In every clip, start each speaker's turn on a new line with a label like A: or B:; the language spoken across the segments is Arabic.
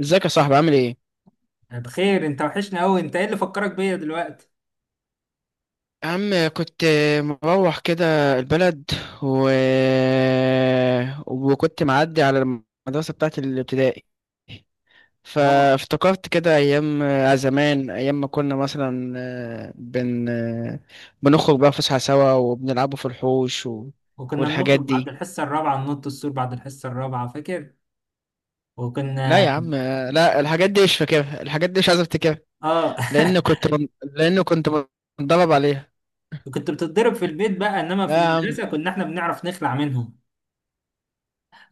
A: ازيك يا صاحبي، عامل ايه؟
B: أنا بخير. انت وحشنا قوي، انت ايه اللي فكرك بيا دلوقتي؟
A: يا عم كنت مروح كده البلد و... وكنت معدي على المدرسة بتاعت الابتدائي،
B: اه.
A: فافتكرت كده أيام زمان، أيام ما كنا مثلا آه، بن آه، بنخرج بقى فسحة سوا وبنلعبوا في الحوش
B: وكنا
A: والحاجات
B: بنخرج بعد
A: دي.
B: الحصه الرابعه، ننط السور بعد الحصه الرابعه، فاكر؟
A: لا يا
B: وكنا.
A: عم، لا، الحاجات دي مش فاكرها، الحاجات دي مش عايز افتكرها،
B: اه.
A: لأن كنت متدرب عليها.
B: كنت بتتضرب في البيت بقى، انما
A: لا
B: في
A: يا عم،
B: المدرسه كنا احنا بنعرف نخلع منهم.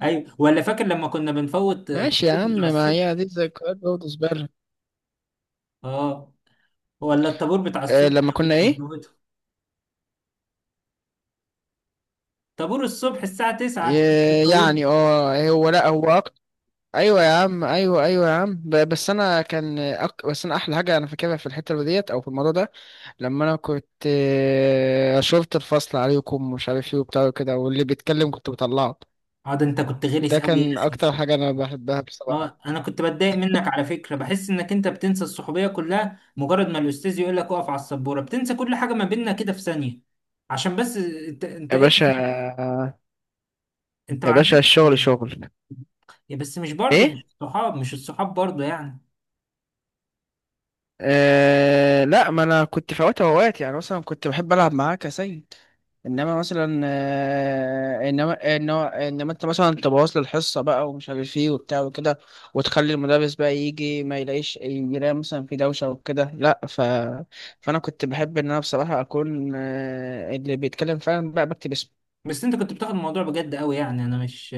B: ايوه، ولا فاكر لما كنا بنفوت
A: ماشي يا عم،
B: الطابور بتاع
A: ما
B: الصبح؟
A: هي دي ذكريات برضه زبالة.
B: اه. ولا الطابور بتاع
A: آه
B: الصبح
A: لما
B: اللي
A: كنا
B: كنا
A: ايه،
B: بنفوته، طابور الصبح الساعه 9 كنت بتفوته.
A: يعني اه هو لا هو أكتر. ايوه يا عم، ايوه، ايوه يا عم، بس انا احلى حاجه انا فاكرها في الحته ديت او في الموضوع ده، لما انا كنت شرطة الفصل عليكم ومش عارف ايه وبتاع كده، واللي بيتكلم كنت بطلعه.
B: اه، ده انت كنت
A: ده
B: غلس قوي يا
A: كان
B: اخي.
A: اكتر حاجة انا بحبها بصراحة.
B: اه، انا كنت بتضايق منك على فكره، بحس انك انت بتنسى الصحوبيه كلها مجرد ما الاستاذ يقول لك اقف على السبوره، بتنسى كل حاجه ما بيننا كده في ثانيه. عشان بس انت
A: يا
B: ايه.
A: باشا،
B: انت ما
A: يا باشا
B: عندكش.
A: الشغل شغل.
B: يا بس مش برضه، مش
A: ايه؟
B: الصحاب مش الصحاب برضه يعني.
A: لا، ما انا كنت فوات اوقات، يعني مثلا كنت بحب العب معاك يا سيد، انما مثلا انما انت مثلا تبوظ لي الحصه بقى ومش عارف ايه وبتاع وكده، وتخلي المدرس بقى يجي ما يلاقيش، يلاقي مثلا في دوشه وكده، لا ف فانا كنت بحب ان انا بصراحه اكون اللي بيتكلم فعلا بقى بكتب اسمه.
B: بس انت كنت بتاخد الموضوع بجد قوي، يعني انا مش.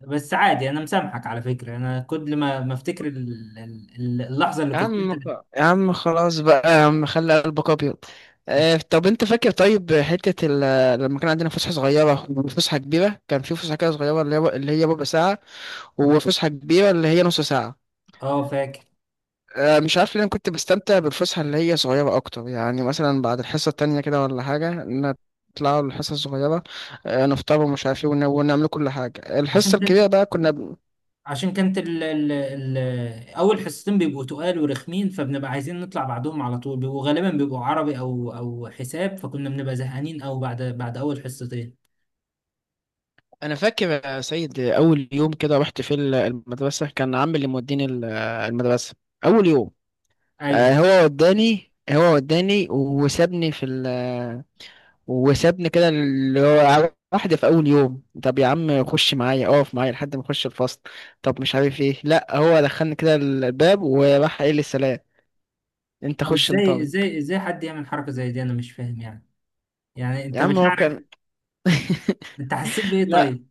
B: بس عادي، انا مسامحك على فكره. انا كل ما افتكر اللحظه اللي
A: يا
B: كنت انت
A: عم خ- يا عم خلاص بقى، يا عم خلي قلبك ابيض. طب انت فاكر طيب حته لما كان عندنا فسحه صغيره وفسحه كبيره، كان في فسحه كده صغيره اللي هي ربع ساعه، وفسحه كبيره اللي هي نص ساعه.
B: اه، فاكر.
A: مش عارف ليه انا كنت بستمتع بالفسحه اللي هي صغيره اكتر، يعني مثلا بعد الحصه التانية كده ولا حاجه نطلعوا الحصه الصغيره، نفطر ومش عارف ايه ونعمل كل حاجه، الحصه
B: عشان
A: الكبيره بقى كنا ب...
B: عشان كانت ال اول حصتين بيبقوا تقال ورخمين، فبنبقى عايزين نطلع بعدهم على طول، بيبقوا غالبا بيبقوا عربي او حساب، فكنا بنبقى زهقانين او بعد اول حصتين.
A: انا فاكر يا سيد، اول يوم كده رحت في المدرسه كان عمي اللي موديني المدرسه اول يوم.
B: ايوه.
A: هو وداني، وسابني في، وسابني كده، اللي هو واحدة في أول يوم طب يا عم خش معايا، اقف معايا لحد ما اخش الفصل، طب مش عارف ايه، لا هو دخلني كده الباب وراح قايل لي سلام، انت
B: طب
A: خش
B: ازاي
A: انطلق.
B: ازاي ازاي حد يعمل حركه زي دي؟ انا مش فاهم يعني. يعني
A: يا
B: انت
A: عم هو كان،
B: مشاعرك، انت حسيت بايه
A: لا
B: طيب؟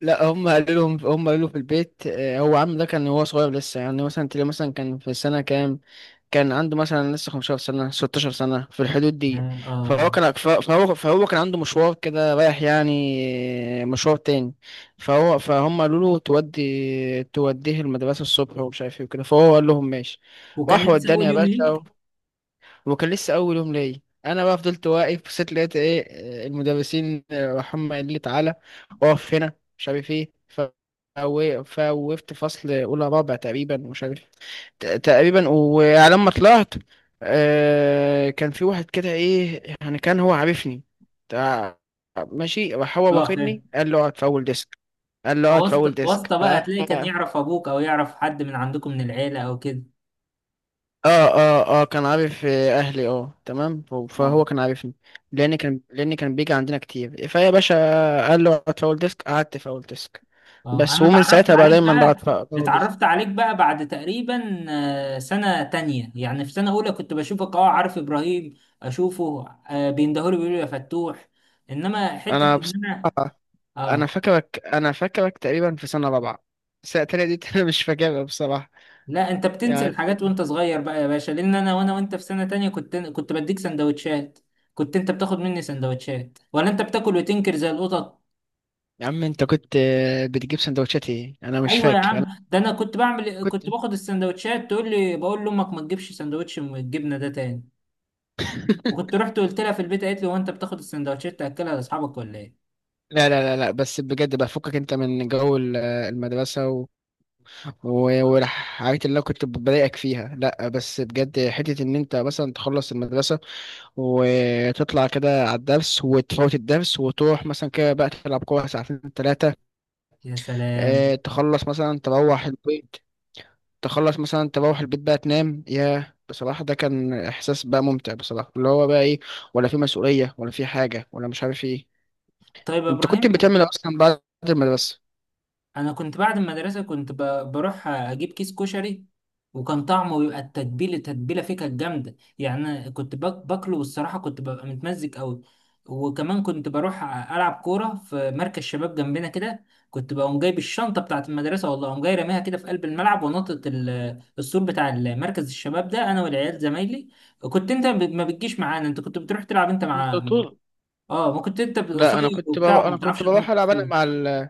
A: لا، هم قالوا لهم، هم قالوا له في البيت، هو عم ده كان هو صغير لسه، يعني مثلا تلاقيه مثلا كان في سنة كام، كان عنده مثلا لسه 15 سنة، 16 سنة، في الحدود دي.
B: اه، اه.
A: فهو كان عنده مشوار كده رايح، يعني مشوار تاني، فهم قالوا له تودي، توديه المدرسة الصبح ومش عارف ايه وكده، فهو قال لهم ماشي.
B: وكان
A: راح
B: لسه
A: وداني
B: اول
A: يا
B: يوم
A: باشا
B: ليك.
A: وكان لسه أول يوم ليا. أنا بقى فضلت واقف، بصيت لقيت ايه، المدرسين راح هم قال لي تعالى اقف هنا مش عارف ايه، فوقفت فصل أولى رابع تقريبا، ومش عارف تقريبا، وعلى ما طلعت كان في واحد كده ايه، يعني كان هو عارفني، تع- ماشي راح هو
B: اه، فاهم.
A: واخدني، قال له اقعد في اول ديسك،
B: واسطه واسطه
A: ف
B: بقى، هتلاقي كان
A: اه،
B: يعرف ابوك او يعرف حد من عندكم من العيله او كده.
A: اه كان عارف اهلي، اه تمام، فهو
B: اه،
A: كان عارفني، لان كان بيجي عندنا كتير فيا باشا قال له اقعد في اول ديسك، قعدت في اول ديسك
B: اه.
A: بس،
B: انا
A: ومن
B: اتعرفت
A: ساعتها بقى
B: عليك
A: دايما
B: بقى.
A: بقعد في اول
B: اتعرفت
A: ديسك.
B: عليك بقى بعد تقريبا سنة تانية، يعني في سنة اولى كنت بشوفك، عارف ابراهيم اشوفه، بيندهولي بيقولوا يا فتوح. انما حتة
A: انا
B: ان انا.
A: بصراحة،
B: اه.
A: انا فاكرك تقريبا في سنه رابعه، السنه التانية دي انا مش فاكرها بصراحه،
B: لا، انت بتنسى
A: يعني.
B: الحاجات وانت صغير بقى يا باشا، لان انا وانت في سنة تانية كنت بديك سندوتشات. كنت انت بتاخد مني سندوتشات، ولا انت بتاكل وتنكر زي القطط؟
A: يا عم انت كنت بتجيب سندوتشات ايه، انا مش
B: ايوه يا
A: فاكر
B: عم،
A: انا،
B: ده انا
A: كنت
B: كنت باخد السندوتشات، تقول لي بقول لامك ما تجيبش سندوتش من الجبنة ده تاني. وكنت رحت وقلت لها في البيت، قالت لي هو انت بتاخد السندوتشات تاكلها لاصحابك ولا ايه؟
A: لا لا لا لا، بس بجد بقى، فكك انت من جو المدرسة والحاجات اللي انا كنت بضايقك فيها، لا بس بجد حتة ان انت مثلا تخلص المدرسة وتطلع كده على الدرس وتفوت الدرس، وتروح مثلا كده بقى تلعب كورة ساعتين ثلاثة،
B: يا سلام.
A: اه تخلص مثلا تروح البيت، بقى تنام، يا بصراحة ده كان إحساس بقى ممتع بصراحة، اللي هو بقى إيه، ولا في مسؤولية ولا في حاجة ولا مش عارف إيه.
B: طيب يا
A: أنت كنت
B: ابراهيم.
A: بتعمل إيه أصلا بعد المدرسة؟
B: انا كنت بعد المدرسه كنت بروح اجيب كيس كشري، وكان طعمه بيبقى، التتبيله فيه كانت جامده، يعني أنا كنت باكله والصراحه كنت ببقى متمزج قوي. وكمان كنت بروح العب كوره في مركز شباب جنبنا كده. كنت بقوم جايب الشنطه بتاعت المدرسه، والله اقوم جاي راميها كده في قلب الملعب، ونطت السور بتاع مركز الشباب، ده انا والعيال زمايلي. كنت انت ما بتجيش معانا، انت كنت بتروح تلعب انت
A: انت
B: مع.
A: طول،
B: اه، ما كنت انت
A: لا
B: قصير.
A: أنا كنت
B: وبتاع
A: بقى،
B: وما
A: أنا
B: بتعرفش
A: كنت بروح
B: تنط
A: ألعب أنا
B: السور.
A: مع ال،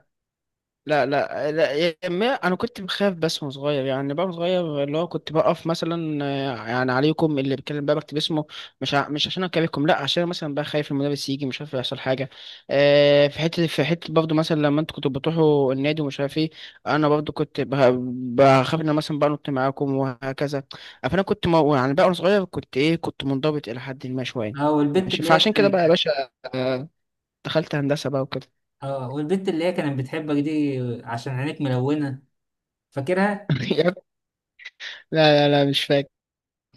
A: لا لا لا، يا ما انا كنت بخاف بس، وانا صغير يعني بقى، وانا صغير اللي هو كنت بقف مثلا يعني عليكم اللي بيتكلم بقى بكتب اسمه، مش عشان اكلمكم لا، عشان مثلا بقى خايف المدرس يجي مش عارف يحصل حاجه. في حته، في حته برضه مثلا لما انتوا كنتوا بتروحوا النادي ومش عارف ايه انا برضه كنت بخاف ان أنا مثلا بقى نط معاكم وهكذا، فانا كنت يعني بقى وانا صغير كنت ايه، كنت منضبط الى حد ما شويه.
B: اه والبت
A: ماشي،
B: اللي هي
A: فعشان كده
B: كانت
A: بقى يا باشا آه، دخلت هندسه بقى وكده.
B: اه والبنت اللي هي كانت بتحبك دي عشان عينيك ملونة، فاكرها؟
A: لا لا لا، مش فاكر،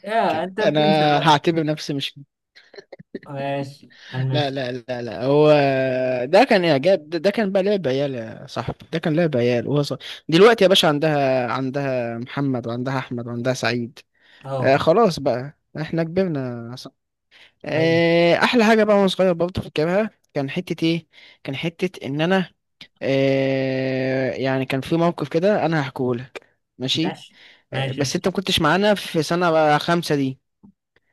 B: يا انت
A: انا
B: بتنسى بقى.
A: هعتبر نفسي مش،
B: ماشي،
A: لا
B: هنمشي.
A: لا لا لا، هو ده كان اعجاب، ده كان بقى لعب عيال يا صاحبي، ده كان لعب عيال وهو صغير، دلوقتي يا باشا، عندها محمد، وعندها احمد، وعندها سعيد. آه
B: اه،
A: خلاص بقى، احنا كبرنا يا صاحبي.
B: ايوه،
A: آه احلى حاجه بقى وانا صغير برضه فاكرها، كان حته ايه، كان حته ان انا، يعني كان في موقف كده انا هحكيه لك، ماشي.
B: ماشي، ماشي.
A: بس انت ما كنتش معانا في سنه خمسه دي.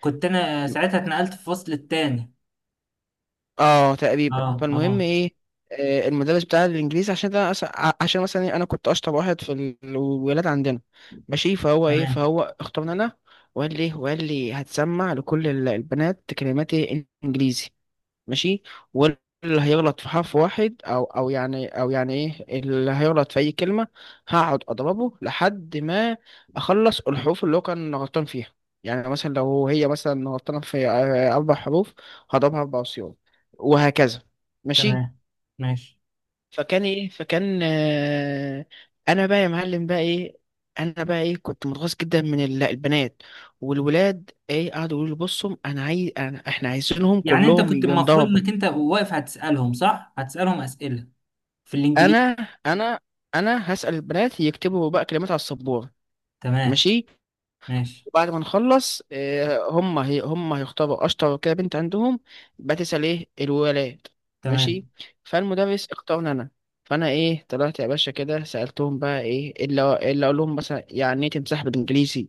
B: كنت انا ساعتها اتنقلت في الفصل التاني.
A: اه
B: اه،
A: تقريبا،
B: اه،
A: فالمهم ايه، المدرس بتاع الانجليزي، عشان ده عشان مثلا إيه، انا كنت اشطر واحد في الولاد عندنا. ماشي، فهو ايه،
B: تمام.
A: فهو اختارني انا، وقال لي هتسمع لكل البنات كلمات إيه؟ انجليزي، ماشي، واللي هيغلط في حرف واحد او يعني، او يعني ايه، اللي هيغلط في اي كلمه هقعد اضربه لحد ما اخلص الحروف اللي هو كان غلطان فيها. يعني مثلا لو هي مثلا غلطانه في اربع حروف، هضربها اربع صيغ، وهكذا ماشي.
B: تمام، ماشي.
A: فكان ايه، فكان آه، انا بقى يا معلم بقى ايه، كنت متغاظ جدا من البنات، والولاد ايه قعدوا يقولوا لي بصوا انا عايز، احنا عايزينهم
B: يعني انت
A: كلهم
B: كنت المفروض
A: ينضربوا.
B: انك انت واقف هتسألهم، صح؟ هتسألهم أسئلة في
A: انا
B: الانجليزي.
A: انا انا هسأل البنات يكتبوا بقى كلمات على السبورة.
B: تمام،
A: ماشي،
B: ماشي.
A: وبعد ما نخلص هم هيختاروا اشطر كده بنت عندهم، بقى تسأل ايه الولاد. ماشي،
B: تمام.
A: فالمدرس اختارني انا، فانا ايه طلعت يا باشا كده سألتهم بقى ايه، إيه اللي اقول لهم مثلا، يعني ايه تمسح بالانجليزي،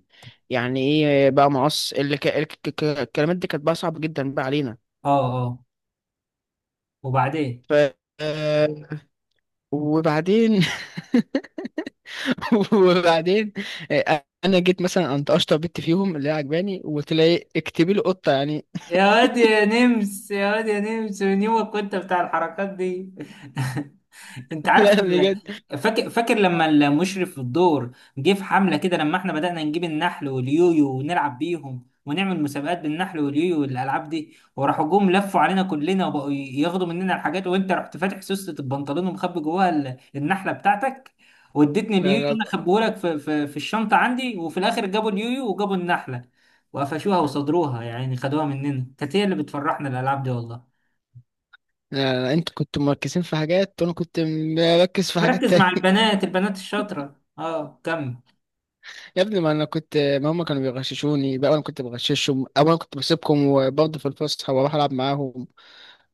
A: يعني ايه بقى مقص، اللي الكلمات دي كانت بقى صعبة جدا بقى علينا.
B: اه، اه، وبعدين.
A: ف آه، وبعدين وبعدين انا جيت مثلا قمت اشطر بنت فيهم اللي هي عجباني، وقلت لها ايه اكتبي لي قطه يعني.
B: يا واد يا نمس، يا واد يا نمس، من يومك كنت بتاع الحركات دي. انت عارف،
A: لا بجد،
B: فاكر، فاكر لما المشرف في الدور جه في حمله كده لما احنا بدأنا نجيب النحل واليويو ونلعب بيهم ونعمل مسابقات بالنحل واليويو والالعاب دي، وراحوا جم لفوا علينا كلنا وبقوا ياخدوا مننا الحاجات، وانت رحت فاتح سوسة البنطلون ومخبي جواها النحله بتاعتك، واديتني
A: لا
B: اليويو
A: لا
B: انا، خبيهولك في, الشنطه عندي. وفي الاخر جابوا اليويو وجابوا النحله، وقفشوها وصدروها يعني، خدوها مننا. كانت هي اللي بتفرحنا الالعاب دي والله.
A: لا لا، انتوا كنتوا مركزين في حاجات، وانا كنت مركز في حاجات
B: بركز مع
A: تانية.
B: البنات، البنات الشاطره. اه، كمل.
A: يا ابني ما انا كنت، ما هم كانوا بيغششوني بقى انا كنت بغششهم، او انا كنت بسيبكم وبرضه في الفسحه واروح العب معاهم،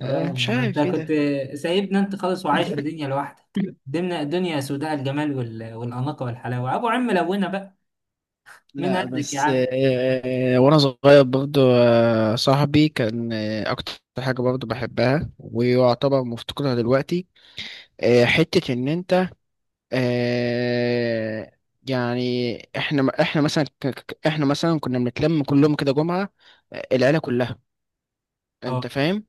B: اه،
A: مش
B: ما انت
A: عارف ايه
B: كنت
A: ده.
B: سايبنا انت خالص، وعايش في دنيا لوحدك. دمنا دنيا سوداء، الجمال والاناقه والحلاوه ابو عم لونا بقى. مين
A: لا
B: قدك يا
A: بس،
B: عم.
A: وانا صغير برضو، صاحبي كان اكتر حاجة برضو بحبها، ويعتبر مفتقدها دلوقتي، حتة إن أنت، آه، يعني إحنا مثلا إحنا مثلا كنا بنتلم كلهم كده جمعة، العيلة كلها،
B: اه.
A: أنت فاهم.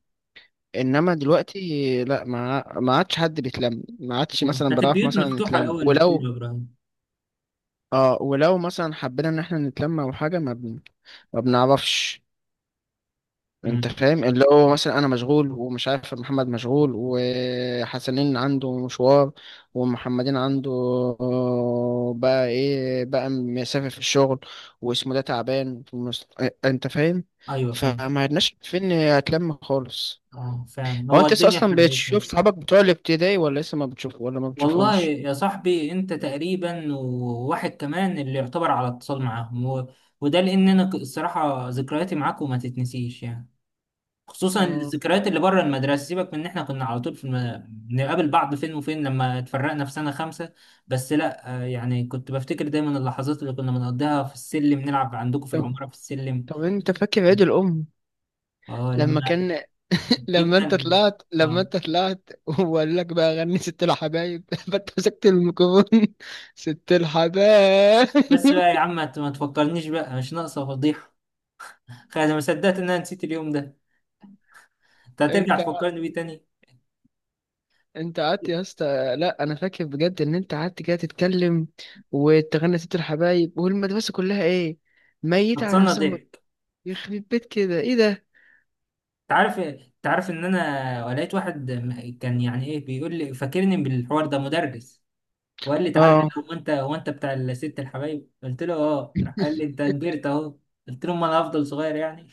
A: إنما دلوقتي لأ، ما عادش حد بيتلم، ما عادش
B: آه.
A: مثلا
B: كانت
A: بنعرف
B: البيوت
A: مثلا
B: مفتوحه
A: نتلم،
B: الاول لكله يا
A: ولو
B: ابراهيم.
A: ولو مثلا حبينا إن إحنا نتلم أو حاجة ما بنعرفش،
B: امم.
A: انت فاهم، اللي هو مثلا انا مشغول ومش عارف، محمد مشغول، وحسنين عنده مشوار، ومحمدين عنده آه، بقى ايه بقى مسافر في الشغل، واسمه ده تعبان في اه، انت فاهم،
B: ايوه، فاهم.
A: فما عدناش فين هتلم خالص.
B: اه، فعلا،
A: هو
B: هو
A: انت لسه
B: الدنيا
A: اصلا
B: حرقتنا.
A: بتشوف صحابك بتوع الابتدائي، ولا لسه ما بتشوف، ولا ما
B: والله
A: بتشوفهمش؟
B: يا صاحبي انت تقريبا وواحد كمان اللي يعتبر على اتصال معاهم وده لان انا الصراحه ذكرياتي معاكم ما تتنسيش يعني، خصوصا
A: اه
B: الذكريات اللي بره المدرسه، سيبك من ان احنا كنا على طول في بنقابل بعض فين وفين لما اتفرقنا في سنه خمسه. بس لا، يعني كنت بفتكر دايما اللحظات اللي كنا بنقضيها في السلم نلعب عندكم في
A: طب،
B: العماره في السلم.
A: انت فاكر عيد الام
B: اه، لما
A: لما كان
B: جبنا
A: لما
B: اه،
A: انت طلعت وقال لك بقى غني ست الحبايب، فانت مسكت الميكروفون، ست الحبايب،
B: بس بقى يا عم، ما تفكرنيش بقى، مش ناقصه فضيحه. خلاص، انا ما صدقت ان انا نسيت اليوم ده، انت هترجع
A: انت
B: تفكرني بيه تاني؟
A: انت قعدت يا اسطى، لا انا فاكر بجد ان انت قعدت كده تتكلم وتغني ست الحبايب، والمدرسه كلها ايه، ميتة على
B: هتصنع
A: نفسها،
B: ضحك.
A: يخرب بيت كده ايه ده.
B: انت عارف ان انا لقيت واحد كان يعني ايه بيقول لي فاكرني بالحوار ده، مدرس، وقال لي تعالى
A: اه
B: هنا، هو انت بتاع الست الحبايب؟ قلت له اه، راح قال لي انت كبرت اهو. قلت له ما انا هفضل صغير يعني.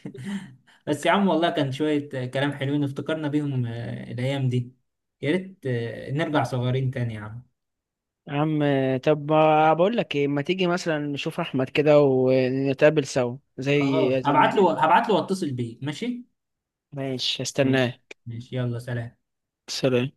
B: بس يا عم والله كان شوية كلام حلوين افتكرنا بيهم، الايام دي. يا ريت نرجع صغيرين تاني يا عم.
A: يا عم، طب ما بقول لك ايه، ما تيجي مثلا نشوف احمد كده ونتقابل سوا
B: خلاص،
A: زي
B: هبعت
A: زمان
B: له
A: يعني.
B: هبعت له واتصل بيه. ماشي.
A: ماشي،
B: ماشي،
A: استناه،
B: ماشي، يلا سلام.
A: سلام.